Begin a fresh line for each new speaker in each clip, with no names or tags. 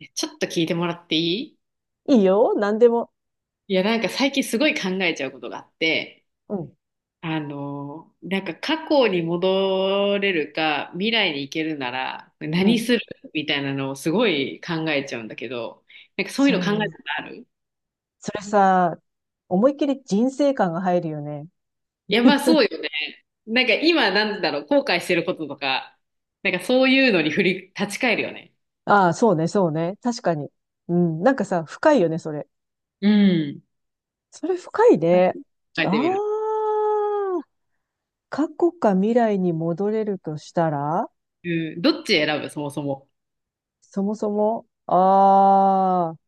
ちょっと聞いてもらっていい？
いいよ、何でも。
いや、なんか最近すごい考えちゃうことがあって、
うん、
なんか過去に戻れるか、未来に行けるなら
う
何
ん。
する、みたいなのをすごい考えちゃうんだけど、なんかそうい
そ
うの考え
う。
たことある？
それさ、思いっきり人生観が入るよね。
いや、まあそうよね。なんか今なんだろう、後悔してることとか、なんかそういうのに立ち返るよね。
ああ、そうね、そうね。確かに。うん、なんかさ、深いよね、それ。
うん。
それ深いね。
考え
あ
てみる。
あ、過去か未来に戻れるとしたら、
うん、どっち選ぶ、そもそも？
そもそも、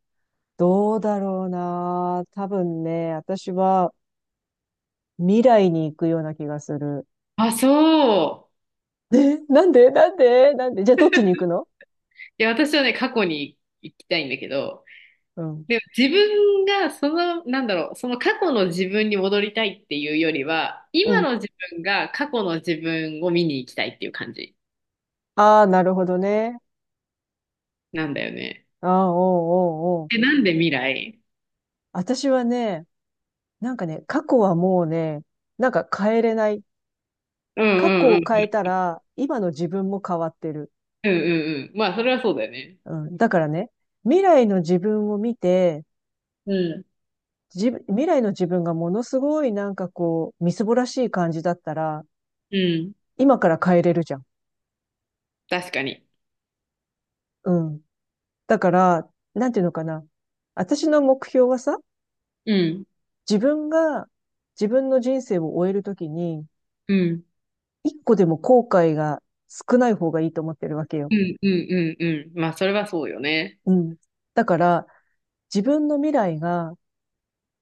どうだろうな。多分ね、私は未来に行くような気がする。
あ、そう。
え、なんでじゃあどっちに行くの？
いや、私はね、過去に行きたいんだけど、
うん。
でも自分がその、なんだろう、その過去の自分に戻りたいっていうよりは、
う
今
ん、
の自分が過去の自分を見に行きたいっていう感じ
ああ、なるほどね。
なんだよね。
ああ、おうおうおう。
え、なんで未来？
私はね、なんかね、過去はもうね、なんか変えれない。
うん
過去
うんう
を変え
ん。
たら、今の自分も変わってる。
うんうんうん。まあ、それはそうだよね。
うん。だからね、未来の自分を見て、
うん。
自分、未来の自分がものすごいなんかこう、みすぼらしい感じだったら、
うん。
今から変えれるじゃん。
確かに。
うん。だから、なんていうのかな。私の目標はさ、
うん。
自分が自分の人生を終えるときに、
うん。
一個でも後悔が少ない方がいいと思ってるわけよ。
うんうんうんうん。まあ、それはそうよね。
うん。だから、自分の未来が、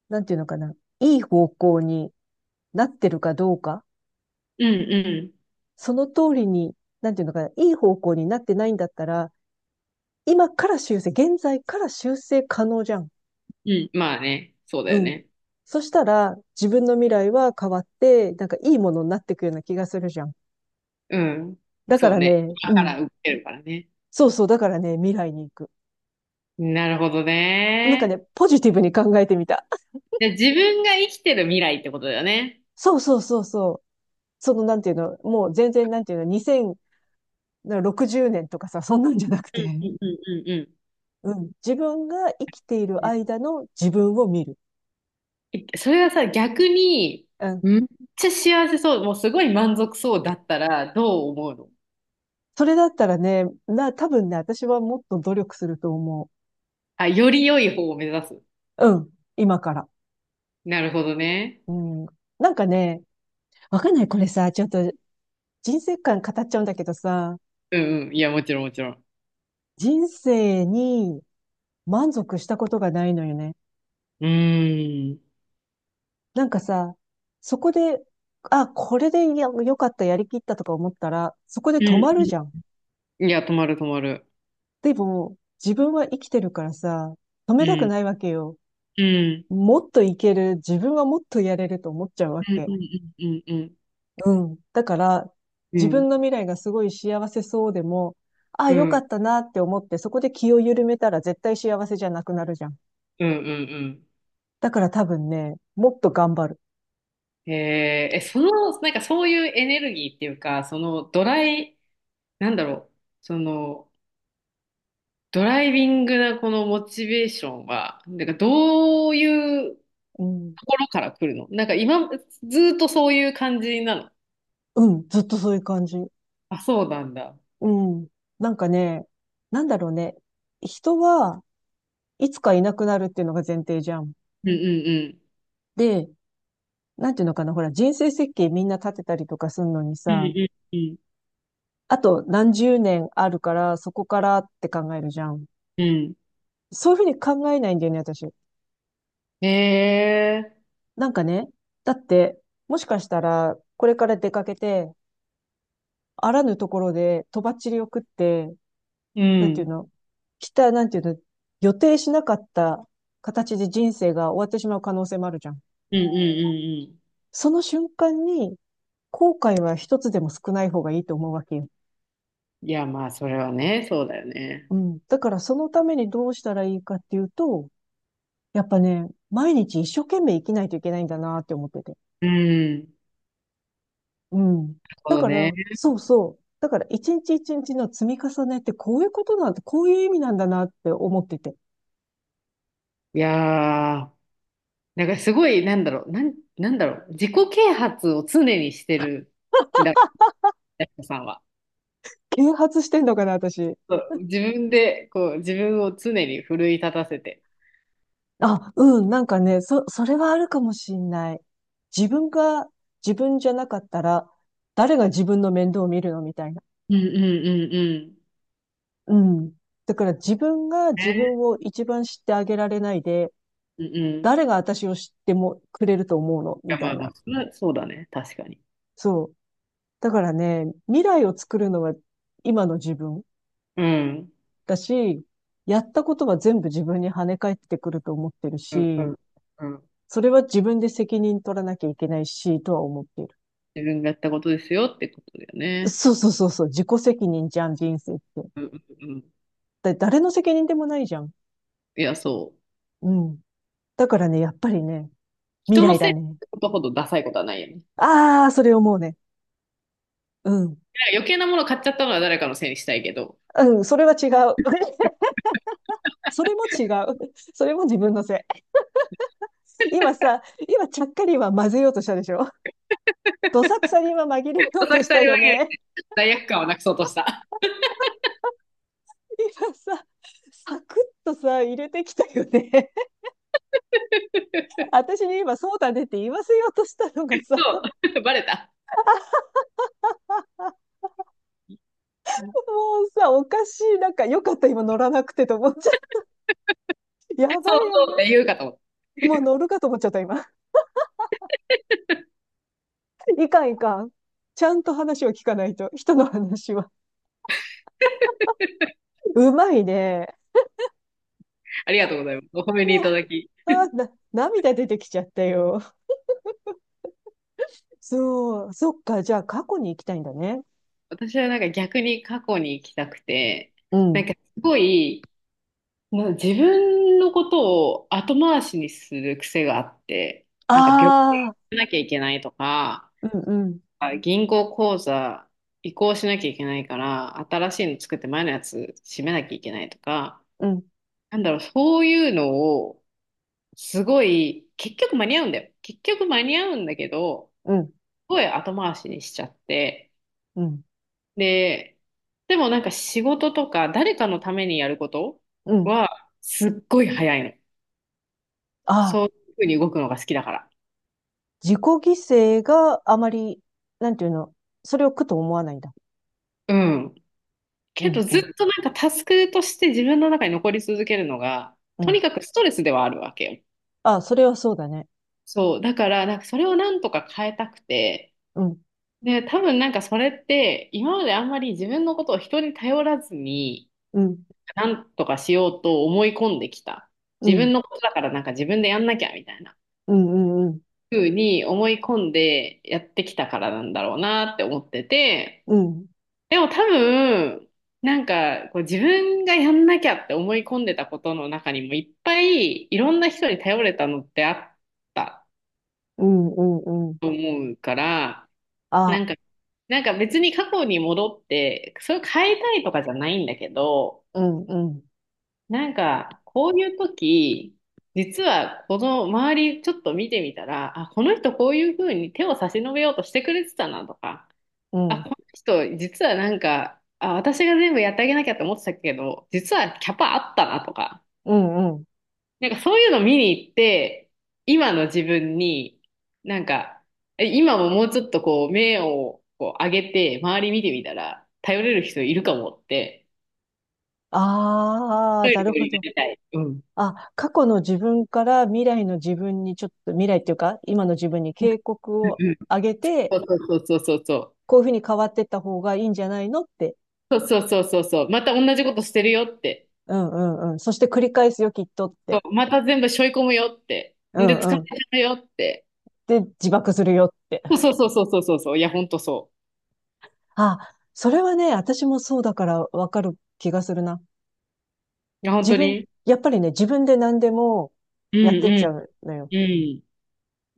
なんていうのかな、いい方向になってるかどうか、
うんう
その通りに、なんていうのかな、いい方向になってないんだったら、今から修正、現在から修正可能じゃん。
ん。うん。まあね。そうだよ
うん。
ね。
そしたら、自分の未来は変わって、なんかいいものになっていくような気がするじゃん。
うん。
だか
そう
ら
ね。
ね、
今
う
か
ん。
ら受けるからね。
そうそう、だからね、未来に行く。
なるほど
なんかね、
ね。
ポジティブに考えてみた。
で自分が生きてる未来ってことだよね？
そうそうそうそう。その、なんていうの、もう全然、なんていうの、2060年とかさ、そんなんじゃなく
う
て、
んう んうんうん
うん。自分が生きている
うん。
間の自分を見る。
それはさ、逆に、
うん。
めっちゃ幸せそう、もうすごい満足そうだったら、どう思うの？
それだったらね、な、多分ね、私はもっと努力すると思
あ、より良い方を目指す。
う。うん。今から。
なるほどね。
うん。なんかね、わかんない。これさ、ちょっと人生観語っちゃうんだけどさ、
うんうん。いや、もちろんもちろん。
人生に満足したことがないのよね。
うーん。
なんかさ、そこで、あ、これでや良かった、やりきったとか思ったら、そこで
う
止
ん
まるじゃ
う
ん。
ん、いや、止まる止まる。
でも、自分は生きてるからさ、止
う
めたく
ん。
ないわけよ。
うん。
もっといける、自分はもっとやれると思っちゃうわ
うんう
け。
んうんうん
うん。だから、
うん。
自
う
分
ん。
の未来がすごい幸せそうでも、ああ、
う
よか
ん
ったなって思って、そこで気を緩めたら絶対幸せじゃなくなるじゃん。
うんう
だから多分ね、もっと頑張る。
ん。えーえ、その、なんかそういうエネルギーっていうか、そのドライ、なんだろう、その、ドライビングなこのモチベーションは、なんかどういうと
うん。
ころから来るの？なんか今、ずーっとそういう感じなの？
うん、ずっとそういう感じ。
あ、そうなんだ。
うん。なんかね、なんだろうね。人はいつかいなくなるっていうのが前提じゃん。
うんうんうん。
で、なんていうのかな、ほら、人生設計みんな立てたりとかするのに
う
さ、
んうん
あと何十年あるから、そこからって考えるじゃん。
うん。
そういうふうに考えないんだよね、私。
うん。
なんかね、だって、もしかしたら、これから出かけて、あらぬところで、とばっちりを食って、
う
なんていう
ん。
の、来た、なんていうの、予定しなかった形で人生が終わってしまう可能性もあるじゃん。
うんうんうんう
その瞬間に、後悔は一つでも少ない方がいいと思うわけよ。
ん。いや、まあ、それはね、そうだよね。
うん。だからそのためにどうしたらいいかっていうと、やっぱね、毎日一生懸命生きないといけないんだなって思ってて。
うん。なる
うん。
ほ
だ
ど
か
ね。
ら、そうそう。だから一日一日の積み重ねってこういうことなんて、こういう意味なんだなって思ってて。
いやー、なんかすごい、なんだろう、なんだろう、自己啓発を常にしてるんだ、やす子さんは。
啓発してんのかな、私。
そう自分で、こう、自分を常に奮い立たせて。
あ、うん、なんかね、そ、それはあるかもしんない。自分が自分じゃなかったら、誰が自分の面倒を見るのみたいな。
うんうんうん、
うん。だから自分が自
ね。
分を一番知ってあげられないで、
うん。うんうん。い
誰が私を知ってもくれると思うのみ
や、
た
まあ
い
ま
な。
あ、それはそうだね。確かに。
そう。だからね、未来を作るのは今の自分
うん。
だし、やったことは全部自分に跳ね返ってくると思ってる
うん、う
し、
ん、うん。
それは自分で責任取らなきゃいけないし、とは思っている。
自分がやったことですよってことだよね？
そうそうそうそう、自己責任じゃん、人生って。
うん、うん、うん。
だ誰の責任でもないじゃん。
いや、そう。
うん。だからね、やっぱりね、未
人の
来
せ
だ
いっ
ね。
てことほどダサいことはないよね。
ああ、それ思うね。うん。
いや余計なもの買っちゃったのは誰かのせいにしたいけど、
うん、それは違う。それも違う。それも自分のせい。今さ、今ちゃっかり今混ぜようとしたでしょ？どさくさに今紛れよう
どさ
と
く
し
さに
たよ
紛れ
ね。
て罪悪感をなくそうとした。
今さ、サクッとさ、入れてきたよね。私に今そうだねって言わせようとしたのがさ、
そう。バレた。
もうさ、おかしい。なんかよかった今乗らなくてと思っちゃって。や
そ
ば
う
いや
そうっ
ばい。
て言うかと思った。
もう乗るかと思っちゃった今。いかんいかん。ちゃんと話を聞かないと。人の話は。うまいね。
ありがとうございます。お褒めにいただき。
あ、な、涙出てきちゃったよ。そう。そっか。じゃあ過去に行きたいんだね。
私はなんか逆に過去に行きたくて、
う
な
ん。
んかすごい、自分のことを後回しにする癖があって、なんか病気
ああ、
しなきゃいけないとか、
うんうん、
銀行口座移行しなきゃいけないから、新しいの作って前のやつ閉めなきゃいけないとか、
うん、
なんだろう、そういうのを、すごい、結局間に合うんだよ。結局間に合うんだけど、
うん、
すごい後回しにしちゃって、
うん、
で、でもなんか仕事とか誰かのためにやること
うん。
はすっごい早いの。
あ
そ
あ、
ういうふうに動くのが好きだから。
自己犠牲があまり、なんていうの、それを苦と思わないんだ。
うん。
う
けど
ん、う
ずっ
ん、
となんかタスクとして自分の中に残り続けるのが、
う
とに
ん。
かくストレスではあるわけよ。
ああ、それはそうだね。
そう。だから、なんかそれをなんとか変えたくて、
うん、
で、多分なんかそれって今まであんまり自分のことを人に頼らずに、
うん、
なんとかしようと思い込んできた。
う
自
ん、
分のことだからなんか自分でやんなきゃみたいな。
うん、うん、うん、
ふうに思い込んでやってきたからなんだろうなって思ってて、
うん、
でも多分、なんかこう自分がやんなきゃって思い込んでたことの中にもいっぱいいろんな人に頼れたのってあった
うん、うん。うん、
と思うから、
あ
なん
あ、
か、なんか別に過去に戻って、それを変えたいとかじゃないんだけど、
うん、うん、
なんかこういう時、実はこの周りちょっと見てみたら、あ、この人こういうふうに手を差し伸べようとしてくれてたなとか、
う
あ、
ん、
この人、実はなんか、あ、私が全部やってあげなきゃって思ってたけど、実はキャパあったなとか、
うん、うん。
なんかそういうの見に行って、今の自分に、なんか、今ももうちょっとこう、目をこう上げて、周り見てみたら、頼れる人いるかもって、
ああ、
頼
な
れる
る
よう
ほ
にな
ど。
りたい。うん。うん
あ、過去の自分から未来の自分にちょっと、未来っていうか、今の自分に警告を
うん、
あげて、
そうそうそうそうそう。
こういうふうに変わっていった方がいいんじゃないのって。
そうそうそうそうそう。また同じことしてるよって。
うんうんうん。そして繰り返すよ、きっとっ
そ
て。
うまた全部背負い込むよって。
う
で、疲れち
ん
ゃ
うん。
うよって。
で、自爆するよって。
そうそうそうそうそうそうそう。いや、ほんとそう。
あ、それはね、私もそうだからわかる気がするな。
いや、本
自
当
分、
に。
やっぱりね、自分で何でも
う
やっ
ん
てっち
う
ゃう
ん
のよ。
うん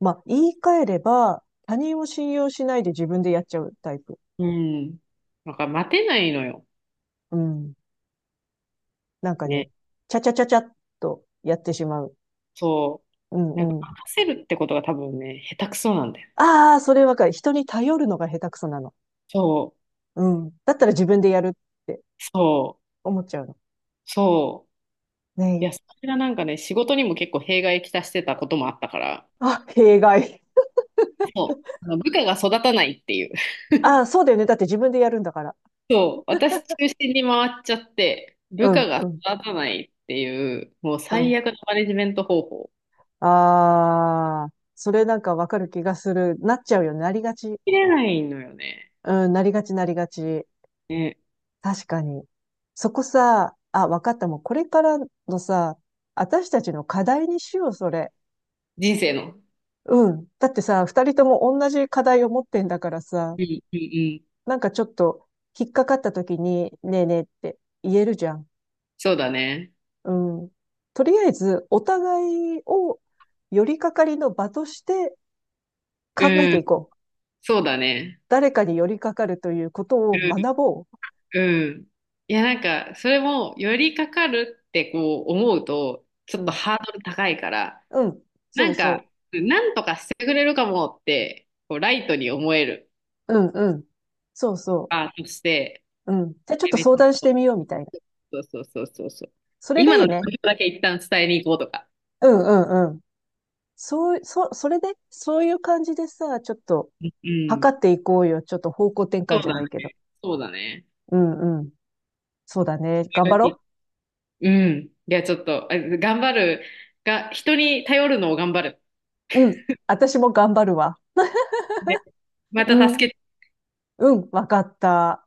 まあ、言い換えれば、他人を信用しないで自分でやっちゃうタイプ。
うん。なんか待てないのよ。
うん。なんか
ね。
ね、ちゃちゃちゃちゃっとやってしまう。
そ
うん
う。なんか
うん。
任せるってことが多分ね、下手くそなんだよ。
ああ、それわかる。人に頼るのが下手くそなの。
そう。
うん。だったら自分でやるって
そう。
思っちゃうの。
そう。
ね
い
え。
や、それがなんかね、仕事にも結構弊害きたしてたこともあったから、
あ、弊害。
そう。あの部下が育たないっていう。
あ、そうだよね。だって自分でやるんだから。
そう。私中心に回っちゃって、
う
部下
ん、う
が
ん、
育たないっていう、もう
う
最
ん。
悪のマネジメント方法。
ああ、それなんかわかる気がする。なっちゃうよね。なりがち。
切れないのよね。
うん、なりがち、なりがち。
ね。
確かに。そこさ、あ、わかった。もうこれからのさ、私たちの課題にしよう、それ。
人生の。
うん。だってさ、二人とも同じ課題を持ってんだからさ、
うんうんうん。
なんかちょっと引っかかった時に、ねえねえって言えるじゃん。
そうだね。
うん。とりあえず、お互いを寄りかかりの場として考え
う
てい
ん。
こう。
そうだね。
誰かに寄りかかるということ
う
を
ん。
学ぼ
うん。いや、なんか、それも、寄りかかるってこう思うと、ち
う。
ょ
う
っと
ん。
ハードル高いから、
うん。
な
そう
んか、
そ
なんとかしてくれるかもって、こう、ライトに思える
う。うんうん。そうそ
として、
う。うん。じゃあちょっと
でね、
相談してみようみたいな。
そうそうそうそうそう。
それが
今
い
の
い
状
ね。
況だけ一旦伝えに行こうとか。
うんうんうん。そう、そ、それで、そういう感じでさ、ちょっと
うん。
測っていこうよ。ちょっと方向転
そ
換
う
じゃな
だ
い
ね。
けど。
そうだね。
うんうん。そうだね。
そ
頑
れ
張
がいい。
ろ
うん。いや、ちょっと、頑張るが、人に頼るのを頑張る。
う。うん。私も頑張るわ。
で、ま
う
た助
ん。
け
うん。わかった。